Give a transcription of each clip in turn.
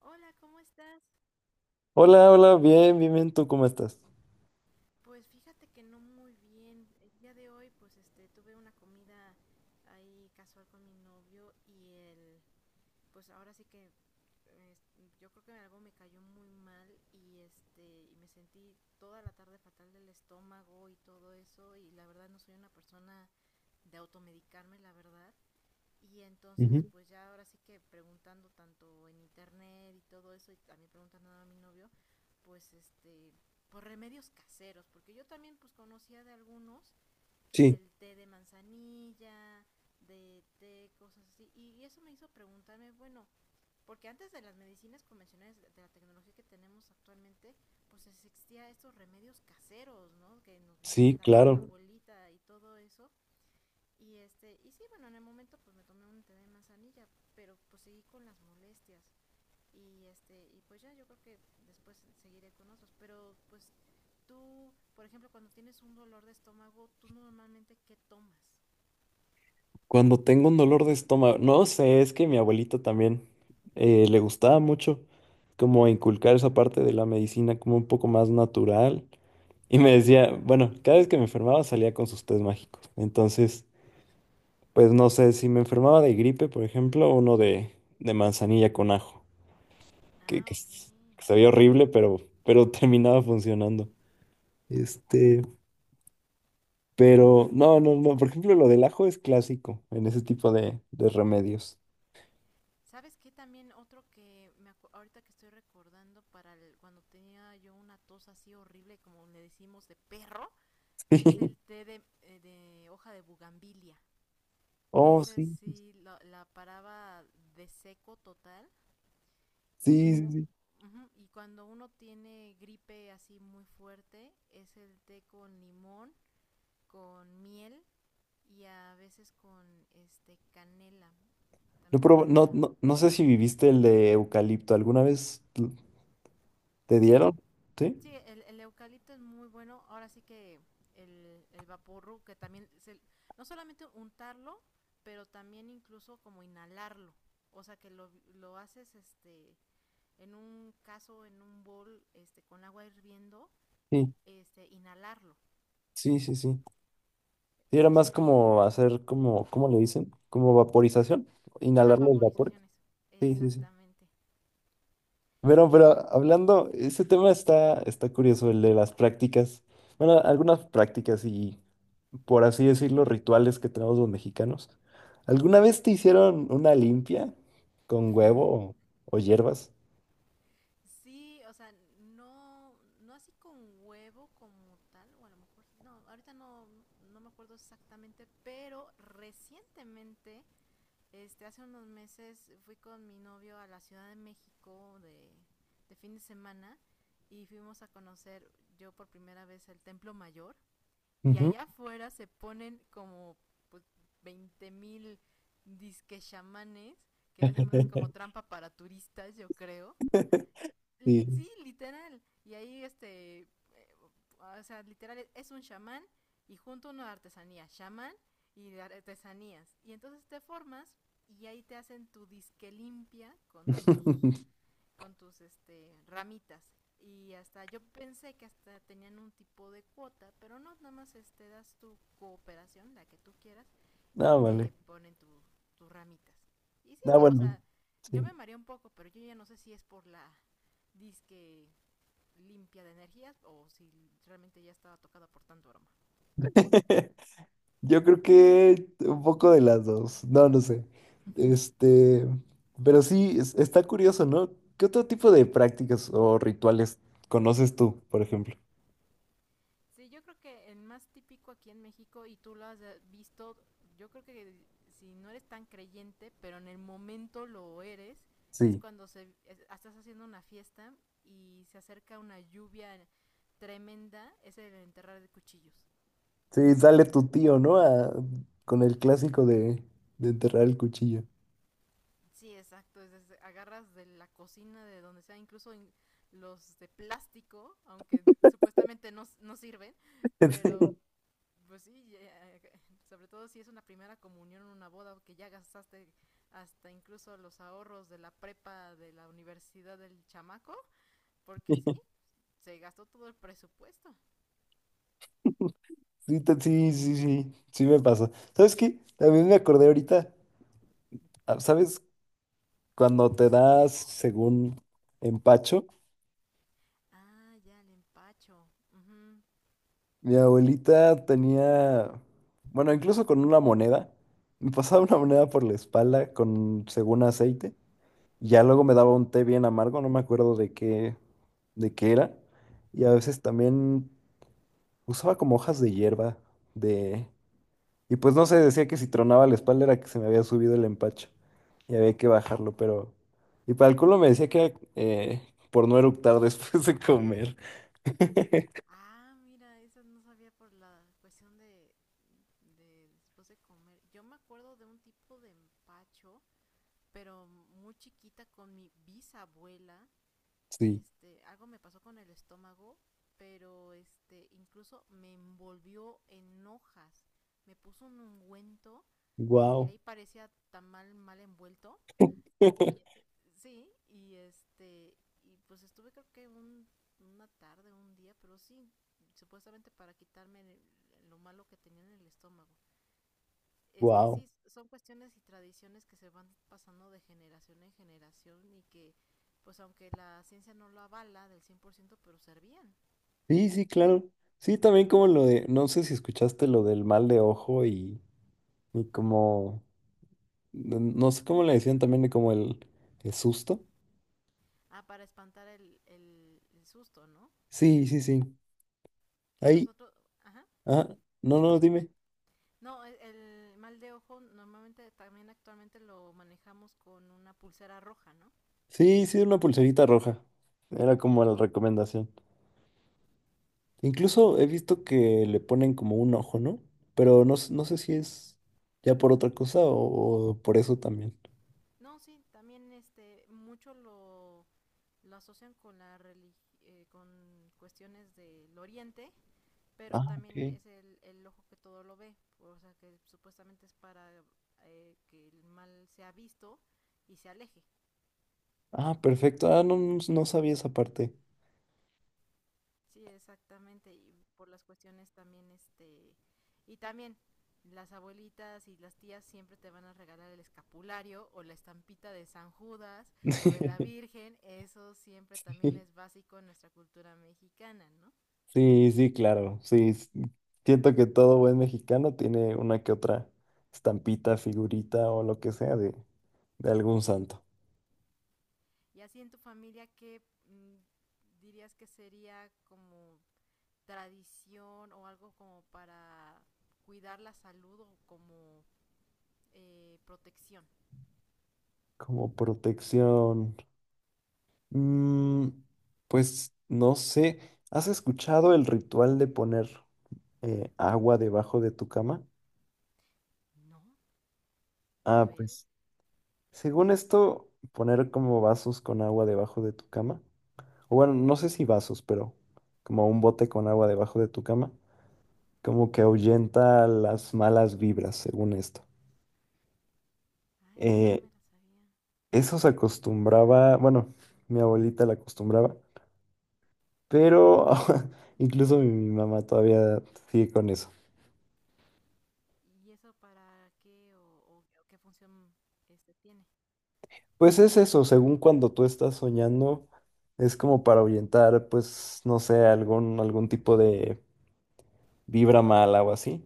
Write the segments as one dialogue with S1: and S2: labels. S1: Hola, ¿cómo estás?
S2: Hola, hola, bien, bien, bien, ¿tú cómo estás?
S1: Pues fíjate que no muy bien. El día de hoy, pues este, tuve una comida ahí casual con mi novio y él, pues ahora sí que es- yo creo que algo me cayó muy mal y este, y me sentí toda la tarde fatal del estómago y todo eso, y la verdad no soy una persona de automedicarme, la verdad. Y entonces,
S2: Ujú.
S1: pues ya ahora sí que preguntando tanto en internet y todo eso, y también preguntando a mi novio, pues este, por remedios caseros, porque yo también pues conocía de algunos, que
S2: Sí.
S1: del té de manzanilla, de té, cosas así, y eso me hizo preguntarme, bueno, porque antes de las medicinas convencionales, de la tecnología que tenemos actualmente, pues existía estos remedios caseros, ¿no? Que nos vienen
S2: Sí,
S1: dando la
S2: claro.
S1: bolita y todo eso, y este, y sí, bueno, en el momento pues me tomé un té de manzanilla, pero pues seguí con las molestias. Y este, y pues ya yo creo que después seguiré con otros, pero pues tú, por ejemplo, cuando tienes un dolor de estómago, tú normalmente ¿qué tomas?
S2: Cuando tengo un dolor de estómago, no sé, es que mi abuelita también le gustaba mucho como inculcar esa parte de la medicina como un poco más natural. Y me decía, bueno, cada vez que me enfermaba salía con sus tés mágicos. Entonces, pues no sé, si me enfermaba de gripe, por ejemplo, uno de manzanilla con ajo, que,
S1: Ah,
S2: que
S1: ok.
S2: s- que sabía horrible, pero terminaba funcionando. Este, pero no, no, no. Por ejemplo, lo del ajo es clásico en ese tipo de remedios.
S1: ¿Sabes qué? También otro que ahorita que estoy recordando cuando tenía yo una tos así horrible, como le decimos de perro, es el té de hoja de bugambilia.
S2: Oh,
S1: Esa
S2: sí,
S1: sí la paraba de seco total. Y,
S2: sí, sí, sí.
S1: ujú, y cuando uno tiene gripe así muy fuerte, es el té con limón, con miel y a veces con este canela. También para…
S2: No, no, no sé si viviste el de eucalipto. ¿Te
S1: Sí,
S2: dieron? ¿Sí?
S1: sí, el eucalipto es muy bueno. Ahora sí que el vaporru, que también… no solamente untarlo, pero también incluso como inhalarlo. O sea que lo haces este en un caso, en un bol, este, con agua hirviendo,
S2: Sí,
S1: este, inhalarlo.
S2: sí, sí, sí. Sí, era
S1: Ese es
S2: más
S1: un,
S2: como hacer como, ¿cómo le dicen? Como vaporización.
S1: ajá,
S2: Inhalar los vapores.
S1: vaporizaciones,
S2: Sí, sí, sí.
S1: exactamente.
S2: Pero,
S1: Sí,
S2: pero hablando, ese tema está curioso, el de las prácticas. Bueno, algunas prácticas y, por así decirlo, rituales que tenemos los mexicanos. ¿Alguna vez te hicieron una limpia con huevo o hierbas?
S1: sí, o sea, no, no así con huevo como tal, o a lo mejor, no, ahorita no, no me acuerdo exactamente, pero recientemente, este, hace unos meses fui con mi novio a la Ciudad de México de fin de semana y fuimos a conocer yo por primera vez el Templo Mayor. Y
S2: Ujú.
S1: allá afuera se ponen como pues, 20 mil disque chamanes, que es más como trampa para turistas, yo creo.
S2: Sí.
S1: Sí, literal. Y ahí este, eh, o sea, literal es un chamán y junto una artesanía, chamán y de artesanías. Y entonces te formas y ahí te hacen tu disque limpia con tus, con tus este ramitas, y hasta yo pensé que hasta tenían un tipo de cuota, pero no, nada más este das tu cooperación, la que tú quieras, y si sí
S2: No, vale.
S1: te ponen tu, tus ramitas. Y sí,
S2: No,
S1: o
S2: bueno.
S1: sea, yo
S2: Sí.
S1: me mareé un poco, pero yo ya no sé si es por la disque limpia de energías o si realmente ya estaba tocada por tanto aroma. ¿Y tú?
S2: Yo creo que un poco de las dos. No, no sé. Este, pero sí, está curioso, ¿no? ¿Qué otro tipo de prácticas o rituales conoces tú, por ejemplo?
S1: Sí, yo creo que el más típico aquí en México, y tú lo has visto, yo creo que si no eres tan creyente, pero en el momento lo eres, es
S2: Sí,
S1: cuando se, estás haciendo una fiesta y se acerca una lluvia tremenda, es el enterrar de cuchillos.
S2: sí, sale tu tío, ¿no? Con el clásico de enterrar el cuchillo.
S1: Sí, exacto, es, agarras de la cocina, de donde sea, incluso los de plástico, aunque supuestamente no, no sirven, pero… Pues sí, ya… sobre todo si es una primera comunión, una boda, que ya gastaste hasta incluso los ahorros de la prepa, de la universidad del chamaco, porque sí, se gastó todo el presupuesto.
S2: Sí, sí, sí, sí, sí me pasa. ¿Sabes qué? También me acordé ahorita, ah, ¿sabes? Cuando te das según empacho.
S1: Ah, ya, el empacho. Ujú.
S2: Mi abuelita tenía, bueno, incluso con una moneda, me pasaba una moneda por la espalda con, según aceite, y ya luego me daba un té bien amargo, no me acuerdo de qué era, y a veces también usaba como hojas de hierba, de, y pues no sé, decía que si tronaba la espalda era que se me había subido el empacho, y había que bajarlo, pero, y para el culo me decía que era por no eructar después de comer.
S1: Ah, mira, eso no sabía por la cuestión de después de comer. Yo me acuerdo de un tipo de empacho, pero muy chiquita con mi bisabuela, que
S2: Sí,
S1: este, algo me pasó con el estómago, pero este, incluso me envolvió en hojas. Me puso un ungüento y
S2: wow,
S1: ahí parecía tan mal, mal envuelto. Y sí, y este, y pues estuve creo que un, una tarde, un día, pero sí, supuestamente para quitarme lo malo que tenía en el estómago. Es que
S2: wow.
S1: sí, son cuestiones y tradiciones que se van pasando de generación en generación y que, pues aunque la ciencia no lo avala del 100%, pero servían.
S2: Sí, sí, claro. Sí, también como lo de, no sé si escuchaste lo del mal de ojo y como, no no sé cómo le decían también de como el susto.
S1: Ah, para espantar el susto, ¿no?
S2: Sí, sí, sí.
S1: Que
S2: Ahí,
S1: nosotros, ajá.
S2: ah, no, no, dime.
S1: No, el mal de ojo normalmente también actualmente lo manejamos con una pulsera roja, ¿no?
S2: Sí, sí, una pulserita roja. Era como la recomendación. Incluso he visto que le ponen como un ojo, ¿no? Pero no, no sé si es ya por otra cosa o por eso también.
S1: No, sí, también este, mucho lo asocian con la relig, con cuestiones del oriente, pero
S2: Ah,
S1: también
S2: ok.
S1: es el ojo que todo lo ve, o sea que supuestamente es para que el mal sea visto y se aleje.
S2: Ah, perfecto. Ah, no, no no sabía esa parte.
S1: Sí, exactamente, y por las cuestiones también, este, y también las abuelitas y las tías siempre te van a regalar el escapulario o la estampita de San Judas o de la Virgen, eso siempre también es básico en nuestra cultura mexicana, ¿no?
S2: Sí, sí, claro, sí. Siento que todo buen mexicano tiene una que otra estampita, figurita o lo que sea de algún santo.
S1: Y así en tu familia, ¿qué dirías que sería como tradición o algo como para cuidar la salud o como protección?
S2: Como protección. Mm, pues no sé, ¿has escuchado el ritual de poner agua debajo de tu cama?
S1: No, a
S2: Ah,
S1: ver.
S2: pues según esto, poner como vasos con agua debajo de tu cama. O bueno, no sé si vasos, pero como un bote con agua debajo de tu cama, como que ahuyenta las malas vibras, según esto.
S1: Ah, esa no
S2: Eh,
S1: me la sabía.
S2: eso se acostumbraba, bueno, mi abuelita la acostumbraba, pero incluso mi mamá todavía sigue con eso.
S1: ¿Y eso para qué o, qué función este tiene?
S2: Pues es eso, según cuando tú estás soñando, es como para ahuyentar, pues, no sé, algún tipo de vibra mala o así.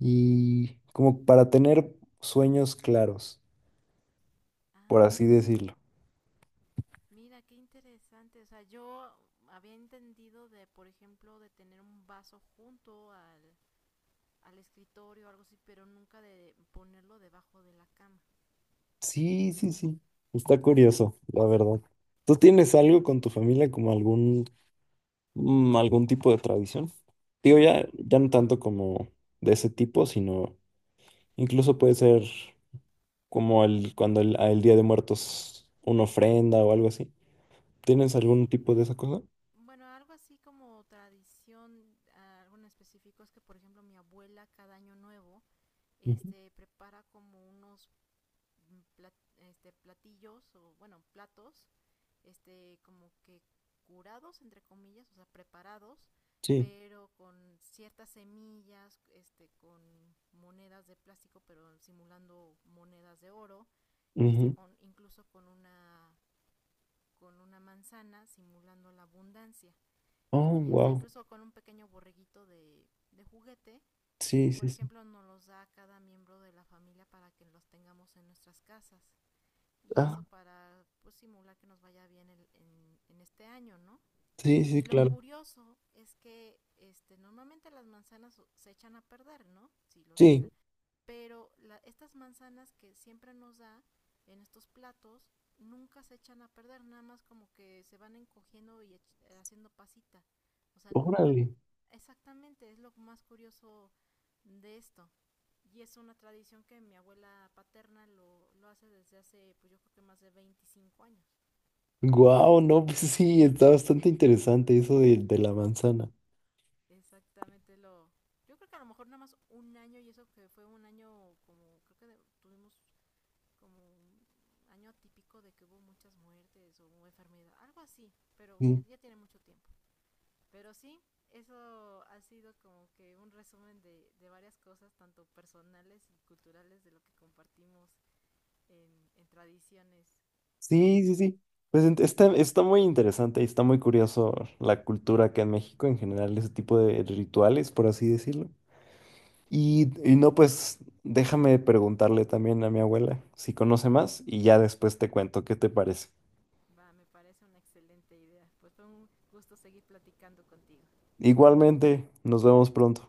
S2: Y como para tener sueños claros, por así
S1: Ah,
S2: decirlo.
S1: mira, qué interesante. O sea, yo había entendido de, por ejemplo, de tener un vaso junto al escritorio o algo así, pero nunca de ponerlo debajo de la cama.
S2: Sí, sí, sí. Está curioso, la verdad. ¿Tú tienes algo con tu familia como algún, mm, algún tipo de tradición? Digo, ya,
S1: Mm,
S2: ya no tanto como de ese tipo, sino incluso puede ser como el, cuando el, al Día de Muertos una ofrenda o algo así. ¿Tienes
S1: sí,
S2: algún tipo de esa cosa?
S1: bueno, algo así como tradición, ah, algo en específico es que, por ejemplo, mi abuela cada año nuevo,
S2: Ujú.
S1: este, prepara como unos este, platillos o, bueno, platos, este, como que curados, entre comillas, o sea, preparados,
S2: Sí.
S1: pero con ciertas semillas, este, con monedas de plástico, pero simulando monedas de oro, y hasta
S2: Ujú.
S1: con, incluso con una manzana simulando la abundancia
S2: Oh,
S1: y hasta
S2: wow.
S1: incluso con un pequeño borreguito de juguete, y
S2: Sí,
S1: por
S2: sí, sí.
S1: ejemplo nos los da a cada miembro de la familia para que los tengamos en nuestras casas, y eso
S2: Ah,
S1: para pues, simular que nos vaya bien en este año, ¿no?
S2: sí, sí,
S1: Y lo
S2: claro.
S1: curioso es que este, normalmente las manzanas se echan a perder, ¿no? Si los
S2: Sí,
S1: dejan, pero la, estas manzanas que siempre nos da en estos platos nunca se echan a perder, nada más como que se van encogiendo y haciendo pasita. O sea, nunca…
S2: órale.
S1: Exactamente, es lo más curioso de esto. Y es una tradición que mi abuela paterna lo hace desde hace, pues yo creo que más de 25 años.
S2: Wow, no, pues sí, está bastante interesante eso de la manzana.
S1: Exactamente lo… Yo creo que a lo mejor nada más un año, y eso que fue un año como, creo que de, tuvimos como un año atípico de que hubo muchas muertes o enfermedad, algo así, pero ya, ya tiene mucho tiempo. Pero sí, eso ha sido como que un resumen de varias cosas, tanto personales y culturales, de lo que compartimos en tradiciones, ¿no?
S2: Sí, sí, sí. Pues está, está muy interesante y está muy curioso la cultura acá en México en general, ese tipo de rituales, por así decirlo. Y no, pues déjame preguntarle también a mi abuela si conoce más y ya después te cuento qué te parece.
S1: Va, me parece una excelente idea. Pues fue un gusto seguir platicando contigo.
S2: Igualmente, nos vemos pronto.